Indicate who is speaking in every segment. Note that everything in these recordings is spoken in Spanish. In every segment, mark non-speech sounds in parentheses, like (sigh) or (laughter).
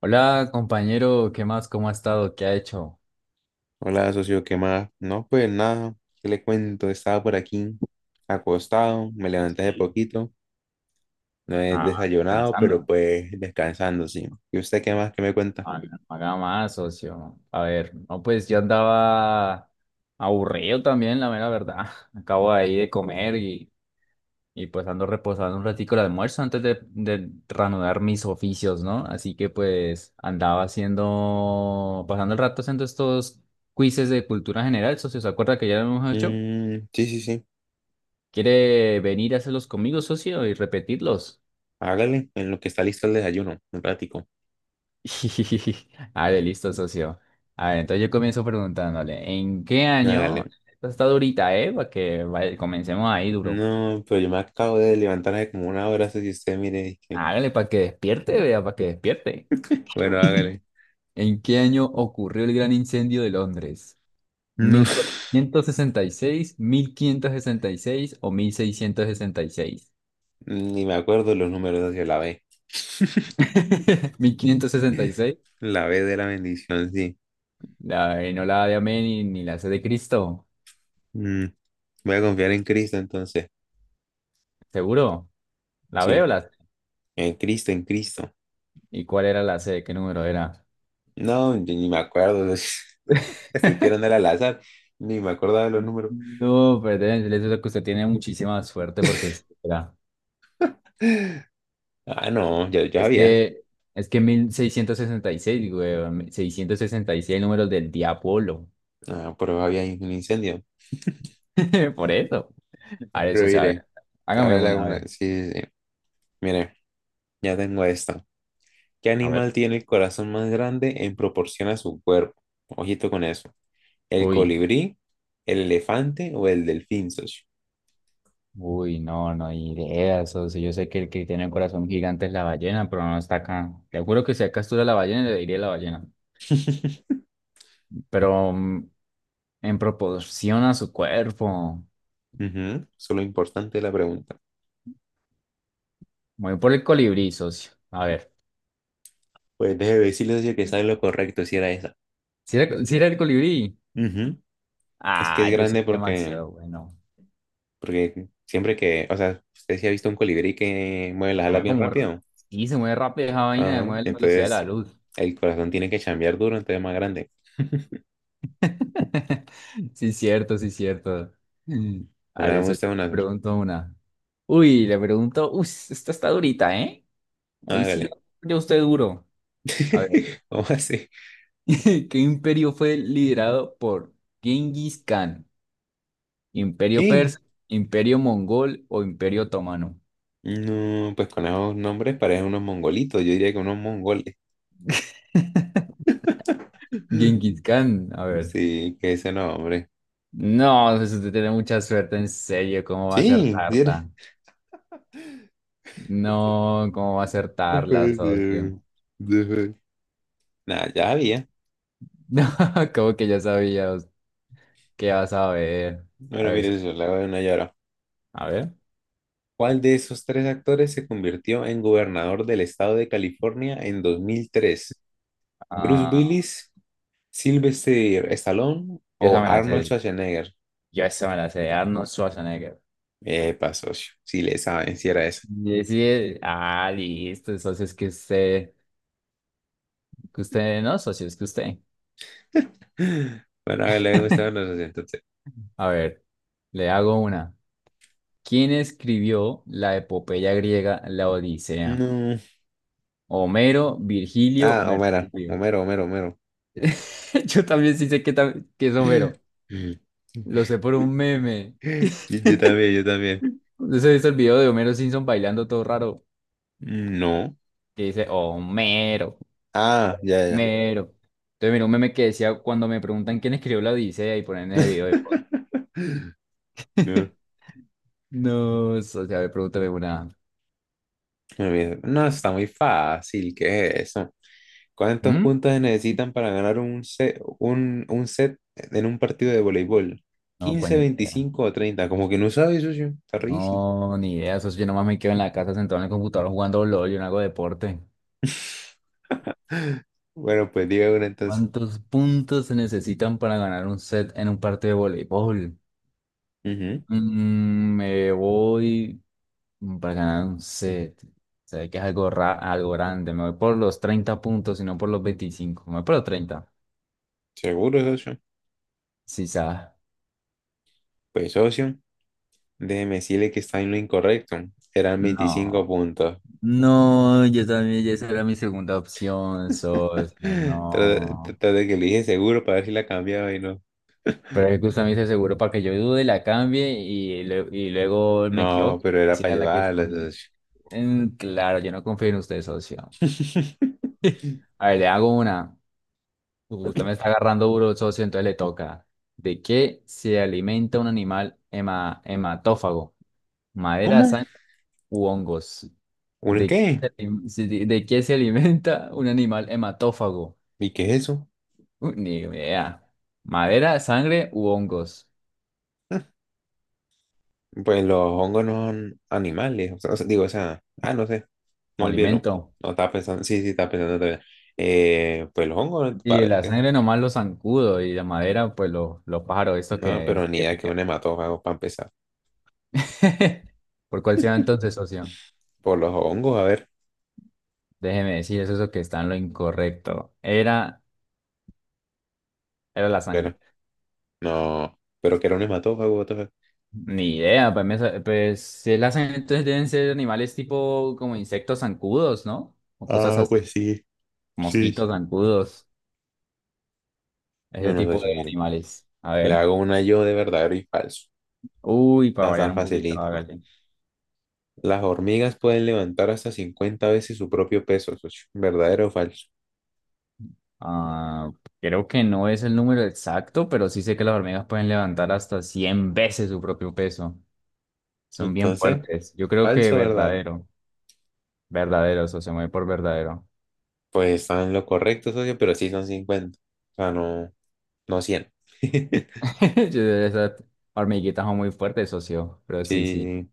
Speaker 1: Hola, compañero, ¿qué más? ¿Cómo ha estado? ¿Qué ha hecho?
Speaker 2: Hola, socio, ¿qué más? No, pues nada, ¿qué le cuento? Estaba por aquí acostado, me levanté de poquito, no he
Speaker 1: Ah,
Speaker 2: desayunado, pero
Speaker 1: descansando.
Speaker 2: pues descansando, sí. ¿Y usted qué más? ¿Qué me cuenta?
Speaker 1: Ah, no haga más, socio. A ver, no, pues yo andaba aburrido también, la mera verdad. (laughs) Acabo ahí de comer y pues ando reposando un ratico el almuerzo antes de reanudar mis oficios, ¿no? Así que pues andaba haciendo, pasando el rato haciendo estos quizzes de cultura general, socio. ¿Se acuerda que ya lo hemos hecho?
Speaker 2: Mm, sí, sí, sí,
Speaker 1: ¿Quiere venir a hacerlos conmigo, socio, y repetirlos?
Speaker 2: hágale, en lo que está listo el desayuno, un ratico,
Speaker 1: (laughs) ¡Ah, de listo, socio! A ver, entonces yo comienzo preguntándole, ¿en qué año?
Speaker 2: hágale.
Speaker 1: Esto está durita, ¿eh? Comencemos ahí duro.
Speaker 2: No, pero yo me acabo de levantar hace como una hora, si usted mire, dije,
Speaker 1: Hágale para que despierte, vea, para que despierte.
Speaker 2: bueno,
Speaker 1: (laughs)
Speaker 2: hágale.
Speaker 1: ¿En qué año ocurrió el gran incendio de Londres? Mil
Speaker 2: No,
Speaker 1: mil
Speaker 2: (laughs)
Speaker 1: cuatrocientos sesenta y seis, mil quinientos sesenta y seis o mil seiscientos sesenta y seis.
Speaker 2: ni me acuerdo los números hacia la B,
Speaker 1: (laughs)
Speaker 2: (laughs)
Speaker 1: seis. Mil quinientos sesenta y seis.
Speaker 2: la B de la bendición, sí.
Speaker 1: La E, no la A de Amén ni la C de Cristo.
Speaker 2: Mm, Voy a confiar en Cristo entonces,
Speaker 1: ¿Seguro? ¿La veo
Speaker 2: sí.
Speaker 1: la C?
Speaker 2: En Cristo, en Cristo.
Speaker 1: ¿Y cuál era la C? ¿Qué número era?
Speaker 2: No, yo ni me acuerdo. (laughs) Estoy tirando al azar. Ni me acordaba de los números.
Speaker 1: No, pues deben decirles que usted tiene muchísima suerte porque es espera,
Speaker 2: Ah, no, ya, ya
Speaker 1: es
Speaker 2: había.
Speaker 1: que es que 1666, güey, seiscientos sesenta y seis, números del diablo.
Speaker 2: Ah, pero había ahí un incendio.
Speaker 1: (laughs) Por eso. A ver,
Speaker 2: Pero
Speaker 1: eso, o sea, a
Speaker 2: mire,
Speaker 1: ver, hágame
Speaker 2: ahora le hago
Speaker 1: una, a
Speaker 2: una.
Speaker 1: ver.
Speaker 2: Sí, sí, sí. Mire, ya tengo esta. ¿Qué
Speaker 1: A ver.
Speaker 2: animal tiene el corazón más grande en proporción a su cuerpo? Ojito con eso. ¿El
Speaker 1: Uy,
Speaker 2: colibrí, el elefante o el delfín, socio?
Speaker 1: uy, no, no hay ideas. O sea, yo sé que el que tiene un corazón gigante es la ballena, pero no está acá. Te juro que si acá estuviera la ballena, le diría la ballena.
Speaker 2: (laughs) Ujú.
Speaker 1: Pero en proporción a su cuerpo.
Speaker 2: Eso es lo importante de la pregunta.
Speaker 1: Voy por el colibrí, socio. A ver.
Speaker 2: Pues déjeme decirle, socio, que sabe lo correcto si era esa.
Speaker 1: Si era, sí era el colibrí.
Speaker 2: Ujú. Es que
Speaker 1: Ah,
Speaker 2: es
Speaker 1: yo soy
Speaker 2: grande porque
Speaker 1: demasiado bueno.
Speaker 2: porque siempre que, o sea, usted sí ha visto un colibrí que mueve las
Speaker 1: Se
Speaker 2: alas
Speaker 1: mueve
Speaker 2: bien
Speaker 1: como... r-
Speaker 2: rápido.
Speaker 1: Sí, se mueve rápido esa vaina, se
Speaker 2: Ajá,
Speaker 1: mueve a la velocidad de la
Speaker 2: entonces,
Speaker 1: luz.
Speaker 2: el corazón tiene que chambear duro, entonces es más grande. (laughs)
Speaker 1: (laughs) Sí, cierto, sí, cierto. A
Speaker 2: Bueno,
Speaker 1: ver,
Speaker 2: hagamos
Speaker 1: eso te
Speaker 2: usted una vez.
Speaker 1: pregunto una. Uy, esta está durita, ¿eh? Hoy sí lo...
Speaker 2: Hágale.
Speaker 1: Yo usted duro. A ver.
Speaker 2: (laughs) ¿Cómo así?
Speaker 1: (laughs) ¿Qué imperio fue liderado por Genghis Khan? ¿Imperio
Speaker 2: ¿Qué?
Speaker 1: persa, imperio mongol o imperio otomano?
Speaker 2: No, pues con esos nombres parecen unos mongolitos. Yo diría que unos mongoles. (gasps)
Speaker 1: (laughs)
Speaker 2: (laughs)
Speaker 1: Genghis Khan, a ver.
Speaker 2: Sí, que ese nombre.
Speaker 1: No, pues usted tiene mucha suerte, en serio, ¿cómo va a
Speaker 2: Sí, mire.
Speaker 1: acertarla? No, ¿cómo va a
Speaker 2: No
Speaker 1: acertarla,
Speaker 2: puede ser.
Speaker 1: socio? (laughs)
Speaker 2: No puede- Nah, ya había.
Speaker 1: No, como que ya sabía, qué vas a ver. A
Speaker 2: Bueno,
Speaker 1: ver,
Speaker 2: mire,
Speaker 1: socio,
Speaker 2: eso, le hago una llora.
Speaker 1: a ver.
Speaker 2: ¿Cuál de esos tres actores se convirtió en gobernador del estado de California en 2003? ¿Bruce
Speaker 1: Ah,
Speaker 2: Willis, Sylvester Stallone
Speaker 1: yo
Speaker 2: o
Speaker 1: esa me la
Speaker 2: Arnold
Speaker 1: sé,
Speaker 2: Schwarzenegger?
Speaker 1: yo esa me la sé, Arnold Schwarzenegger.
Speaker 2: Epa, socio, si le saben, si era eso.
Speaker 1: Y sí, ah, listo, socio, es que usted, no, socio, es que usted.
Speaker 2: (laughs) Bueno, hágale, gustaban los socio, entonces.
Speaker 1: A ver, le hago una. ¿Quién escribió la epopeya griega, la Odisea?
Speaker 2: No.
Speaker 1: Homero, Virgilio,
Speaker 2: Ah, Homero,
Speaker 1: Mercurio.
Speaker 2: Homero, Homero, Homero.
Speaker 1: (laughs) Yo también sí sé que es Homero.
Speaker 2: Mm.
Speaker 1: Lo sé por un meme.
Speaker 2: (laughs) Yo
Speaker 1: (laughs)
Speaker 2: también, yo también.
Speaker 1: No sé visto el video de Homero Simpson bailando todo raro.
Speaker 2: No.
Speaker 1: Que dice, Homero,
Speaker 2: Ah, ya, ya.
Speaker 1: Homero. Entonces, mira, un meme que decía, cuando me preguntan quién escribió la Odisea y ponen
Speaker 2: Ya.
Speaker 1: ese video de foto.
Speaker 2: (laughs) No,
Speaker 1: (laughs) No, eso, o sea, me pregúntame una.
Speaker 2: no, mira, no, está muy fácil, ¿qué es eso? ¿Cuántos
Speaker 1: ¿Mm?
Speaker 2: puntos se necesitan para ganar un set, un set en un partido de voleibol?
Speaker 1: No, pues
Speaker 2: 15,
Speaker 1: ni idea.
Speaker 2: 25 o 30. Como que no sabes, socio. Está rarísimo.
Speaker 1: No, ni idea. Eso sí, yo nomás me quedo en la casa sentado en el computador jugando LOL, yo no hago deporte.
Speaker 2: (laughs) Bueno, pues diga uno entonces.
Speaker 1: ¿Cuántos puntos se necesitan para ganar un set en un partido de voleibol?
Speaker 2: Ujú.
Speaker 1: Mm, me voy para ganar un set. Se ve que es algo, algo grande. Me voy por los 30 puntos y no por los veinticinco. Me voy por los treinta.
Speaker 2: Seguro, socio.
Speaker 1: Sí, sabes.
Speaker 2: Pues, socio, déjeme decirle que está en lo incorrecto. Eran 25
Speaker 1: No.
Speaker 2: puntos.
Speaker 1: No, yo también, ya esa era mi segunda opción,
Speaker 2: (laughs)
Speaker 1: socio.
Speaker 2: Trata
Speaker 1: No.
Speaker 2: trata de que le dije seguro para ver si la cambiaba y no.
Speaker 1: Pero es que usted me dice seguro para que yo dude, la cambie y luego me
Speaker 2: No,
Speaker 1: equivoque.
Speaker 2: pero era
Speaker 1: Esa
Speaker 2: para
Speaker 1: era la que
Speaker 2: ayudarla,
Speaker 1: escogí.
Speaker 2: socio.
Speaker 1: Mm, claro, yo no confío en usted, socio.
Speaker 2: (laughs)
Speaker 1: A ver, le hago una. Usted me está agarrando duro, socio, entonces le toca. ¿De qué se alimenta un animal hematófago? ¿Madera,
Speaker 2: ¿Cómo?
Speaker 1: sangre u hongos?
Speaker 2: ¿Un
Speaker 1: ¿De qué
Speaker 2: qué?
Speaker 1: se, alim- se- de, de qué se alimenta un animal hematófago?
Speaker 2: ¿Y qué es eso?
Speaker 1: Ni idea. ¿Madera, sangre u hongos?
Speaker 2: (laughs) Pues los hongos no son animales, o sea, digo, no sé, no
Speaker 1: Como
Speaker 2: olvídelo.
Speaker 1: alimento.
Speaker 2: No estaba pensando, sí, sí, estaba pensando todavía. Pues los hongos, a
Speaker 1: Y
Speaker 2: ver,
Speaker 1: la sangre nomás lo zancudo y la madera, pues los pájaros, estos
Speaker 2: no, pero ni
Speaker 1: que
Speaker 2: idea que un
Speaker 1: pican.
Speaker 2: hematófago para empezar.
Speaker 1: (laughs) ¿Por cuál se va entonces, socio?
Speaker 2: Por los hongos, a ver,
Speaker 1: Déjeme decir, eso es lo que está en lo incorrecto. Era la sangre.
Speaker 2: pero, no, pero que era un hematófago, what the fuck.
Speaker 1: Ni idea, pues, pues, si las hacen, entonces deben ser animales tipo como insectos zancudos, ¿no? O cosas así, mosquitos zancudos,
Speaker 2: Yo
Speaker 1: ese
Speaker 2: no sé,
Speaker 1: tipo
Speaker 2: yo
Speaker 1: de
Speaker 2: miro.
Speaker 1: animales. A
Speaker 2: Le
Speaker 1: ver.
Speaker 2: hago una yo de verdadero y falso.
Speaker 1: Uy, para
Speaker 2: Está
Speaker 1: variar
Speaker 2: tan
Speaker 1: un poquito,
Speaker 2: facilito.
Speaker 1: hágale.
Speaker 2: Las hormigas pueden levantar hasta 50 veces su propio peso, socio. ¿Verdadero o falso?
Speaker 1: Ah, creo que no es el número exacto, pero sí sé que las hormigas pueden levantar hasta 100 veces su propio peso. Son bien
Speaker 2: Entonces,
Speaker 1: fuertes. Yo creo que
Speaker 2: falso, ¿verdad?
Speaker 1: verdadero, verdadero, socio, me voy por verdadero.
Speaker 2: Pues están en lo correcto, socio, pero sí son 50. O sea, no, no 100. (laughs)
Speaker 1: (laughs) Yo- esas hormiguitas son muy fuertes, socio, pero sí, sí.
Speaker 2: Sí,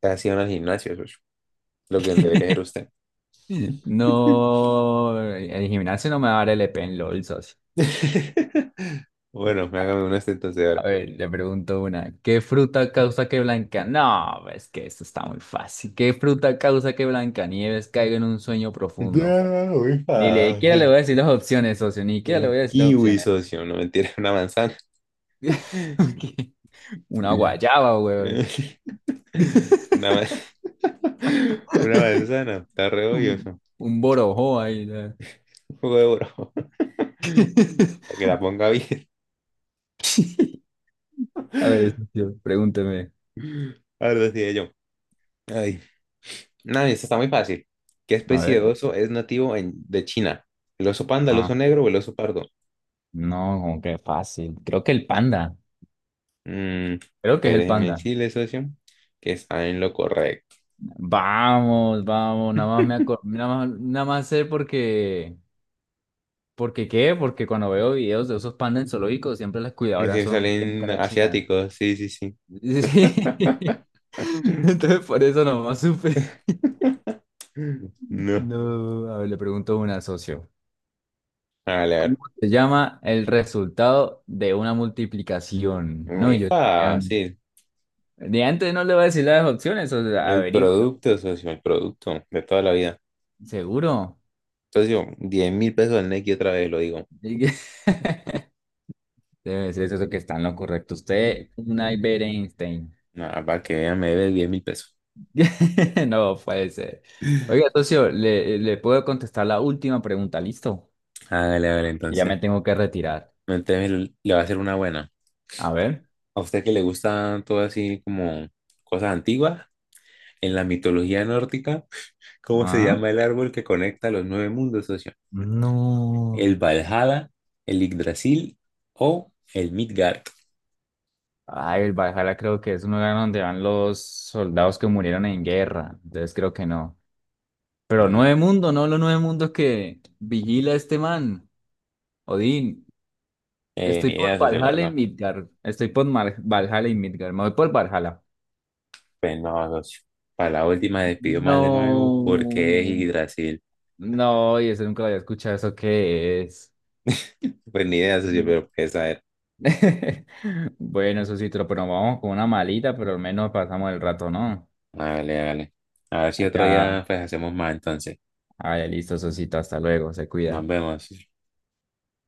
Speaker 2: casi van al gimnasio, socio. Lo que debería ser
Speaker 1: (laughs)
Speaker 2: usted.
Speaker 1: No, el gimnasio no me va a dar LP en LOL, socio.
Speaker 2: (laughs) Bueno, hágame una entonces
Speaker 1: A
Speaker 2: ahora.
Speaker 1: ver, le pregunto una. ¿Qué fruta causa que Blanca? No, es que esto está muy fácil. ¿Qué fruta causa que Blancanieves caiga en un sueño profundo?
Speaker 2: Ah, muy
Speaker 1: Ni le- Siquiera le voy
Speaker 2: fácil.
Speaker 1: a decir las opciones, socio. Ni siquiera le
Speaker 2: Un
Speaker 1: voy a decir las
Speaker 2: kiwi,
Speaker 1: opciones.
Speaker 2: socio. No mentira, (laughs) una manzana.
Speaker 1: (laughs) ¿Qué? Una
Speaker 2: Sí.
Speaker 1: guayaba, weón.
Speaker 2: (laughs)
Speaker 1: (laughs)
Speaker 2: Una, ma- (laughs) una manzana. Está re obvio
Speaker 1: Un,
Speaker 2: eso.
Speaker 1: un borojó ahí, ¿no?
Speaker 2: Un poco de oro. (laughs)
Speaker 1: (laughs)
Speaker 2: Para que la ponga bien.
Speaker 1: A ver,
Speaker 2: (laughs)
Speaker 1: socio, pregúnteme.
Speaker 2: Ahora sí, yo. Ay. No, esta está muy fácil. ¿Qué
Speaker 1: A
Speaker 2: especie de
Speaker 1: ver.
Speaker 2: oso es nativo de China? ¿El oso panda, el
Speaker 1: Ah.
Speaker 2: oso negro o el oso pardo?
Speaker 1: No, como que fácil. Creo que el panda.
Speaker 2: Mm,
Speaker 1: Creo que es
Speaker 2: pues
Speaker 1: el
Speaker 2: déjeme
Speaker 1: panda.
Speaker 2: decirle, socio, que está en lo correcto.
Speaker 1: Vamos, vamos. Nada más me
Speaker 2: (laughs)
Speaker 1: acor- nada más, nada más sé porque. ¿Porque qué? Porque cuando veo videos de esos pandas en zoológicos, siempre las
Speaker 2: Y
Speaker 1: cuidadoras
Speaker 2: si
Speaker 1: son tienen
Speaker 2: salen
Speaker 1: cara china.
Speaker 2: asiáticos, sí, sí, sí.
Speaker 1: Sí.
Speaker 2: (laughs)
Speaker 1: (laughs) Entonces por eso nomás supe.
Speaker 2: No.
Speaker 1: No, a ver, le pregunto a una socio.
Speaker 2: Vale, a ver,
Speaker 1: ¿Cómo se llama el resultado de una multiplicación? No,
Speaker 2: muy
Speaker 1: yo ya,
Speaker 2: fácil.
Speaker 1: de antes no le voy a decir las opciones, o sea,
Speaker 2: El
Speaker 1: averígüelo.
Speaker 2: producto, socio, el producto de toda la vida.
Speaker 1: ¿Seguro?
Speaker 2: Socio, 10.000 pesos al Nequi otra vez, lo digo.
Speaker 1: Diga- (laughs) debe ser eso que está en lo correcto. Usted, un Albert Einstein.
Speaker 2: Nada, para que vea, me debe 10.000 pesos.
Speaker 1: (laughs) No puede ser. Oiga, socio, le puedo contestar la última pregunta, ¿listo?
Speaker 2: Hágale, hágale,
Speaker 1: Ya me
Speaker 2: entonces.
Speaker 1: tengo que retirar.
Speaker 2: Entonces le voy a hacer una buena.
Speaker 1: A ver.
Speaker 2: A usted que le gusta todo así como cosas antiguas, en la mitología nórdica, (laughs) ¿cómo se
Speaker 1: Ah,
Speaker 2: llama el árbol que conecta los nueve mundos, socio?
Speaker 1: no.
Speaker 2: ¿El Valhalla, el Yggdrasil o el Midgard?
Speaker 1: Ay, el Valhalla creo que es un lugar donde van los soldados que murieron en guerra. Entonces creo que no. Pero
Speaker 2: Ujú.
Speaker 1: Nueve Mundo, no los Nueve Mundos que vigila este man, Odín. Estoy
Speaker 2: Ni
Speaker 1: por
Speaker 2: idea, socio, la
Speaker 1: Valhalla y
Speaker 2: verdad.
Speaker 1: Midgard. Valhalla y Midgard. Me voy por Valhalla.
Speaker 2: Pues no, socio. Para la última despidió mal de nuevo porque es
Speaker 1: No.
Speaker 2: Yggdrasil.
Speaker 1: No, y eso nunca lo había escuchado. ¿Eso qué es?
Speaker 2: Pues ni idea, socio, pero pues a ver.
Speaker 1: (laughs) Bueno, eso sí, pero vamos con una malita, pero al menos pasamos el rato, ¿no?
Speaker 2: Vale, vale. A ver si otro
Speaker 1: Allá.
Speaker 2: día pues hacemos más entonces.
Speaker 1: Ah, listo, Sosito. Hasta luego. Se
Speaker 2: Nos
Speaker 1: cuida.
Speaker 2: vemos.